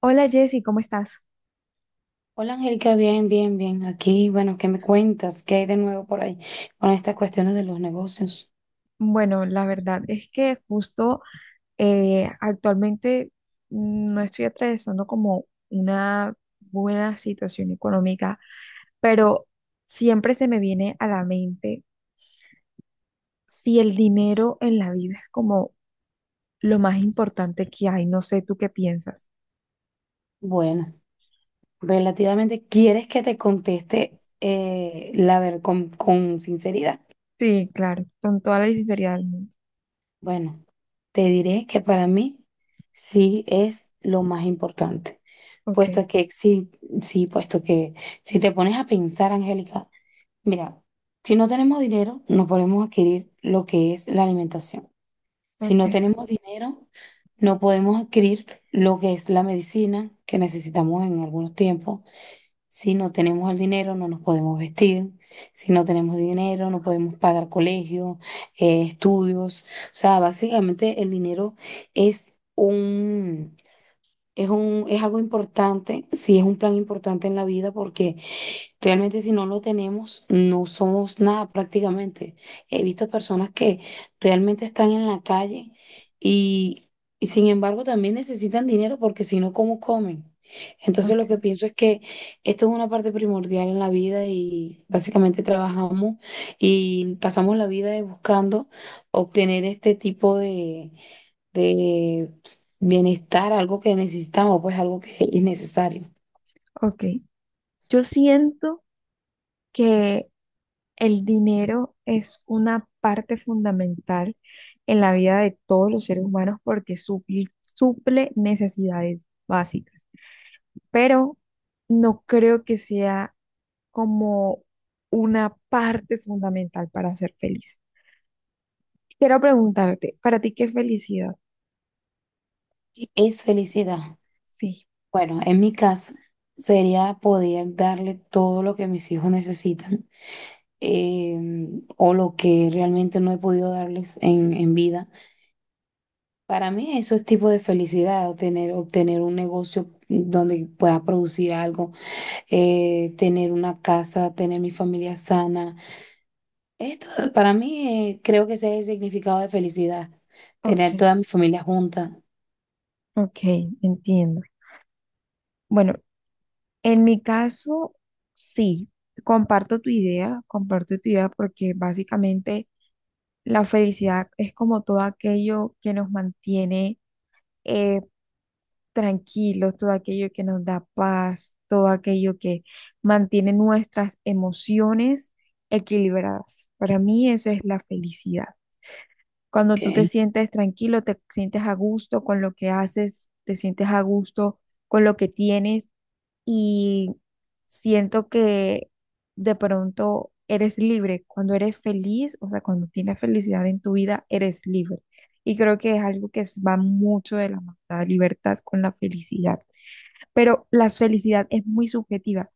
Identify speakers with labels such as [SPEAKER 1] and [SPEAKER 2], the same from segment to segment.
[SPEAKER 1] Hola Jessy, ¿cómo estás?
[SPEAKER 2] Hola Angélica, bien, bien, bien. Aquí, bueno, ¿qué me cuentas? ¿Qué hay de nuevo por ahí con estas cuestiones de los negocios?
[SPEAKER 1] Bueno, la verdad es que justo actualmente no estoy atravesando como una buena situación económica, pero siempre se me viene a la mente si el dinero en la vida es como lo más importante que hay. No sé, ¿tú qué piensas?
[SPEAKER 2] Bueno, relativamente, ¿quieres que te conteste la ver con sinceridad?
[SPEAKER 1] Sí, claro, con toda la sinceridad del mundo.
[SPEAKER 2] Bueno, te diré que para mí sí es lo más importante,
[SPEAKER 1] Ok,
[SPEAKER 2] puesto que sí, sí, puesto que si te pones a pensar, Angélica, mira, si no tenemos dinero, no podemos adquirir lo que es la alimentación. Si
[SPEAKER 1] ok,
[SPEAKER 2] no tenemos dinero, no podemos adquirir lo que es la medicina que necesitamos en algunos tiempos. Si no tenemos el dinero, no nos podemos vestir. Si no tenemos dinero, no podemos pagar colegios, estudios. O sea, básicamente el dinero es un, es algo importante, sí es un plan importante en la vida porque realmente si no lo tenemos, no somos nada prácticamente. He visto personas que realmente están en la calle y, y sin embargo también necesitan dinero porque si no, ¿cómo comen? Entonces lo que
[SPEAKER 1] ok,
[SPEAKER 2] pienso es que esto es una parte primordial en la vida y básicamente trabajamos y pasamos la vida de buscando obtener este tipo de bienestar, algo que necesitamos, pues algo que es necesario.
[SPEAKER 1] ok. Yo siento que el dinero es una parte fundamental en la vida de todos los seres humanos porque suple necesidades básicas, pero no creo que sea como una parte fundamental para ser feliz. Quiero preguntarte, ¿para ti qué es felicidad?
[SPEAKER 2] Es felicidad.
[SPEAKER 1] Sí,
[SPEAKER 2] Bueno, en mi caso sería poder darle todo lo que mis hijos necesitan o lo que realmente no he podido darles en vida. Para mí eso es tipo de felicidad, obtener un negocio donde pueda producir algo, tener una casa, tener mi familia sana. Esto para mí creo que ese es el significado de felicidad,
[SPEAKER 1] ok,
[SPEAKER 2] tener toda mi familia junta.
[SPEAKER 1] ok, entiendo. Bueno, en mi caso, sí, comparto tu idea porque básicamente la felicidad es como todo aquello que nos mantiene eh, tranquilos, todo aquello que nos da paz, todo aquello que mantiene nuestras emociones equilibradas. Para mí eso es la felicidad. Cuando tú te
[SPEAKER 2] Okay.
[SPEAKER 1] sientes tranquilo, te sientes a gusto con lo que haces, te sientes a gusto con lo que tienes y siento que de pronto eres libre. Cuando eres feliz, o sea, cuando tienes felicidad en tu vida, eres libre. Y creo que es algo que va mucho de la mano, la libertad con la felicidad. Pero la felicidad es muy subjetiva,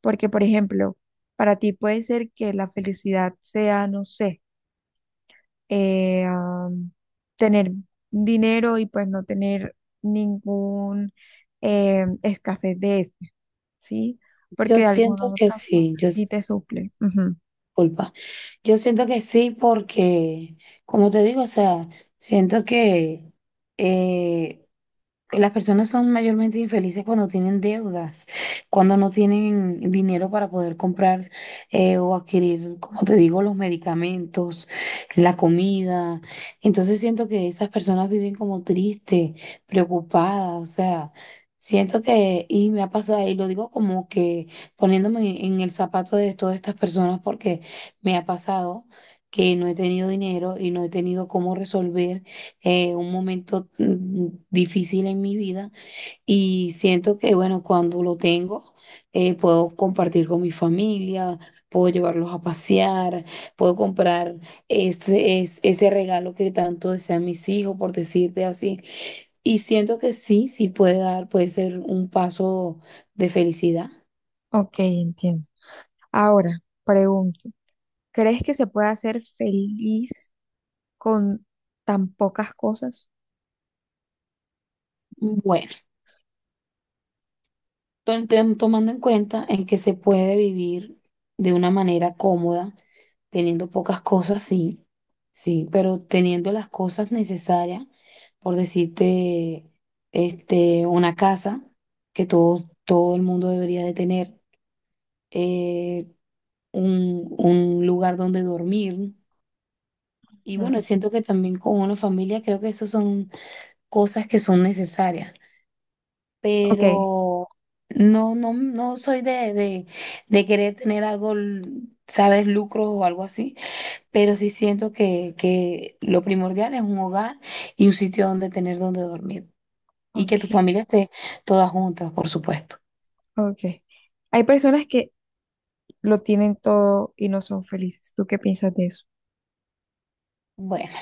[SPEAKER 1] porque, por ejemplo, para ti puede ser que la felicidad sea, no sé, eh, am, tener dinero y pues no tener ningún, escasez de esto, ¿sí? Porque
[SPEAKER 2] Yo
[SPEAKER 1] de alguna
[SPEAKER 2] siento
[SPEAKER 1] u
[SPEAKER 2] que
[SPEAKER 1] otra forma
[SPEAKER 2] sí, yo,
[SPEAKER 1] sí te suple. Ujú.
[SPEAKER 2] culpa. Yo siento que sí, porque, como te digo, o sea, siento que eh, las personas son mayormente infelices cuando tienen deudas, cuando no tienen dinero para poder comprar o adquirir, como te digo, los medicamentos, la comida. Entonces siento que esas personas viven como tristes, preocupadas, o sea, siento que, y me ha pasado, y lo digo como que poniéndome en el zapato de todas estas personas, porque me ha pasado que no he tenido dinero y no he tenido cómo resolver un momento difícil en mi vida y siento que, bueno, cuando lo tengo, puedo compartir con mi familia, puedo llevarlos a pasear, puedo comprar ese regalo que tanto desean mis hijos, por decirte así. Y siento que sí, sí puede dar, puede ser un paso de felicidad.
[SPEAKER 1] Ok, entiendo. Ahora, pregunto, ¿crees que se puede hacer feliz con tan pocas cosas?
[SPEAKER 2] Bueno. Tomando en cuenta en que se puede vivir de una manera cómoda, teniendo pocas cosas, sí, sí, pero teniendo las cosas necesarias, por decirte, este, una casa que todo el mundo debería de tener, eh, un lugar donde dormir. Y
[SPEAKER 1] Mm,
[SPEAKER 2] bueno, siento que también con una familia creo que esas son cosas que son necesarias.
[SPEAKER 1] Ok,
[SPEAKER 2] Pero no, no, no soy de querer tener algo, sabes, lucro o algo así, pero sí siento que lo primordial es un hogar y un sitio donde tener donde dormir y que tu
[SPEAKER 1] ok,
[SPEAKER 2] familia esté todas juntas, por supuesto.
[SPEAKER 1] ok. Hay personas que lo tienen todo y no son felices. ¿Tú qué piensas de eso?
[SPEAKER 2] Bueno,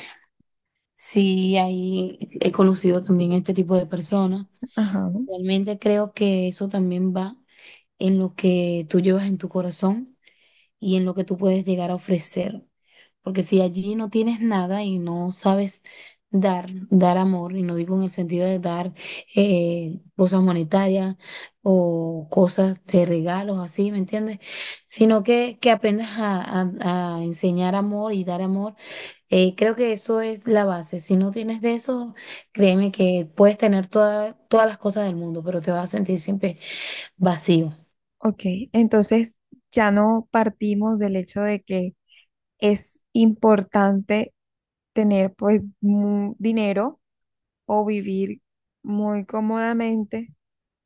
[SPEAKER 2] sí, ahí he conocido también este tipo de personas.
[SPEAKER 1] Ajá.
[SPEAKER 2] Realmente creo que eso también va en lo que tú llevas en tu corazón y en lo que tú puedes llegar a ofrecer. Porque si allí no tienes nada y no sabes dar amor, y no digo en el sentido de dar cosas monetarias o cosas de regalos, así, ¿me entiendes? Sino que aprendas a enseñar amor y dar amor. Creo que eso es la base. Si no tienes de eso, créeme que puedes tener todas las cosas del mundo, pero te vas a sentir siempre vacío.
[SPEAKER 1] Ok, entonces ya no partimos del hecho de que es importante tener pues dinero o vivir muy cómodamente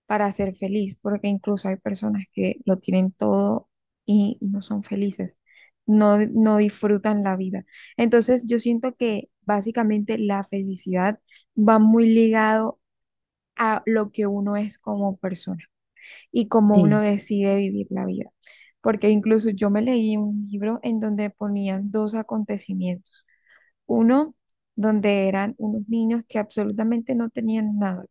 [SPEAKER 1] para ser feliz, porque incluso hay personas que lo tienen todo y no son felices, no, no disfrutan la vida. Entonces yo siento que básicamente la felicidad va muy ligado a lo que uno es como persona y cómo uno
[SPEAKER 2] Sí,
[SPEAKER 1] decide vivir la vida. Porque incluso yo me leí un libro en donde ponían dos acontecimientos. Uno donde eran unos niños que absolutamente no tenían nada.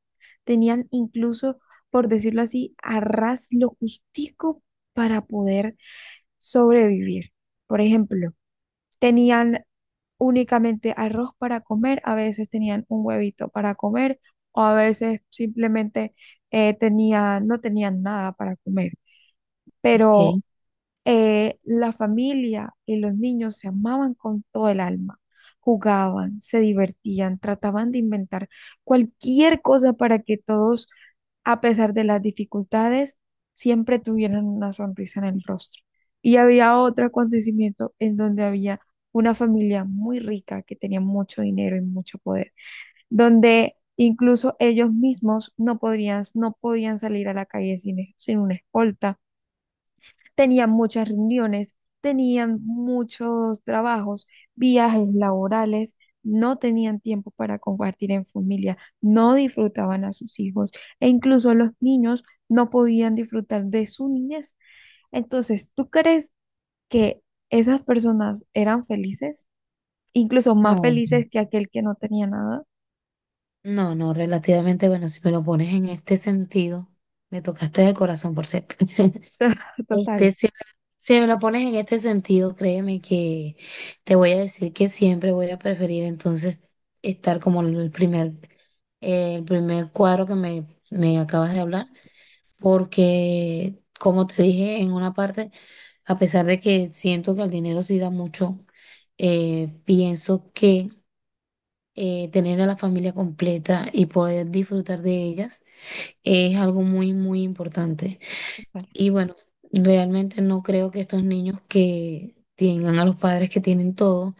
[SPEAKER 1] Tenían incluso, por decirlo así, a ras lo justico para poder sobrevivir. Por ejemplo, tenían únicamente arroz para comer, a veces tenían un huevito para comer o a veces simplemente no tenían nada para comer.
[SPEAKER 2] ok.
[SPEAKER 1] Pero la familia y los niños se amaban con todo el alma, jugaban, se divertían, trataban de inventar cualquier cosa para que todos, a pesar de las dificultades, siempre tuvieran una sonrisa en el rostro. Y había otro acontecimiento en donde había una familia muy rica que tenía mucho dinero y mucho poder, donde incluso ellos mismos no podían salir a la calle sin, sin una escolta. Tenían muchas reuniones, tenían muchos trabajos, viajes laborales, no tenían tiempo para compartir en familia, no disfrutaban a sus hijos e incluso los niños no podían disfrutar de su niñez. Entonces, ¿tú crees que esas personas eran felices? Incluso más
[SPEAKER 2] No.
[SPEAKER 1] felices que aquel que no tenía nada.
[SPEAKER 2] No, no, relativamente, bueno, si me lo pones en este sentido, me tocaste el corazón por cierto. Este,
[SPEAKER 1] Total,
[SPEAKER 2] si me lo pones en este sentido, créeme que te voy a decir que siempre voy a preferir entonces estar como el primer cuadro me acabas de hablar, porque como te dije en una parte, a pesar de que siento que el dinero sí da mucho, pienso que tener a la familia completa y poder disfrutar de ellas es algo muy, muy importante.
[SPEAKER 1] total.
[SPEAKER 2] Y bueno, realmente no creo que estos niños que tengan a los padres que tienen todo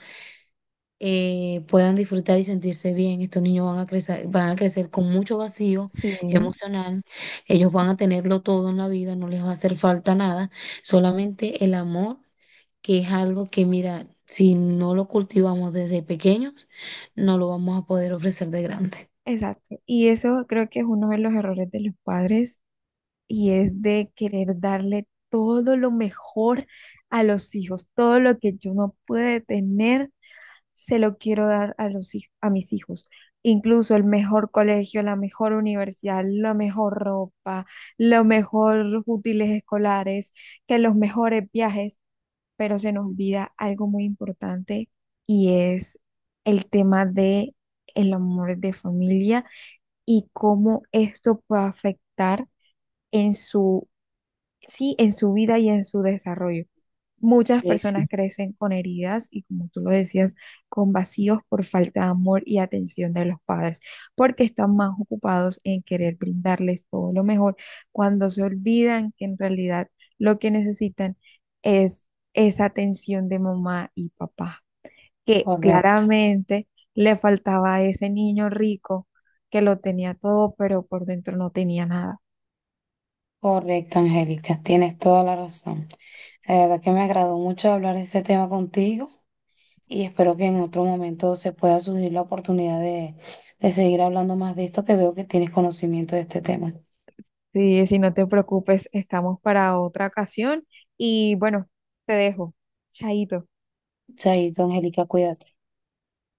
[SPEAKER 2] puedan disfrutar y sentirse bien. Estos niños van a crecer con mucho vacío
[SPEAKER 1] Sí,
[SPEAKER 2] emocional. Ellos
[SPEAKER 1] sí.
[SPEAKER 2] van a tenerlo todo en la vida, no les va a hacer falta nada, solamente el amor, que es algo que, mira, si no lo cultivamos desde pequeños, no lo vamos a poder ofrecer de grande.
[SPEAKER 1] Exacto. Y eso creo que es uno de los errores de los padres y es de querer darle todo lo mejor a los hijos, todo lo que yo no pude tener, se lo quiero dar a a mis hijos. Incluso el mejor colegio, la mejor universidad, la mejor ropa, los mejores útiles escolares, que los mejores viajes, pero se nos olvida algo muy importante y es el tema de el amor de familia y cómo esto puede afectar en su, sí, en su vida y en su desarrollo. Muchas
[SPEAKER 2] Sí, sí,
[SPEAKER 1] personas crecen con heridas y, como tú lo decías, con vacíos por falta de amor y atención de los padres, porque están más ocupados en querer brindarles todo lo mejor cuando se olvidan que en realidad lo que necesitan es esa atención de mamá y papá, que
[SPEAKER 2] correcto,
[SPEAKER 1] claramente le faltaba a ese niño rico que lo tenía todo, pero por dentro no tenía nada.
[SPEAKER 2] correcto, Angélica, tienes toda la razón. La verdad que me agradó mucho hablar de este tema contigo y espero que en otro momento se pueda surgir la oportunidad de seguir hablando más de esto, que veo que tienes conocimiento de este tema.
[SPEAKER 1] Sí, si no te preocupes, estamos para otra ocasión y bueno, te dejo. Chaito.
[SPEAKER 2] Chaito, Angélica, cuídate.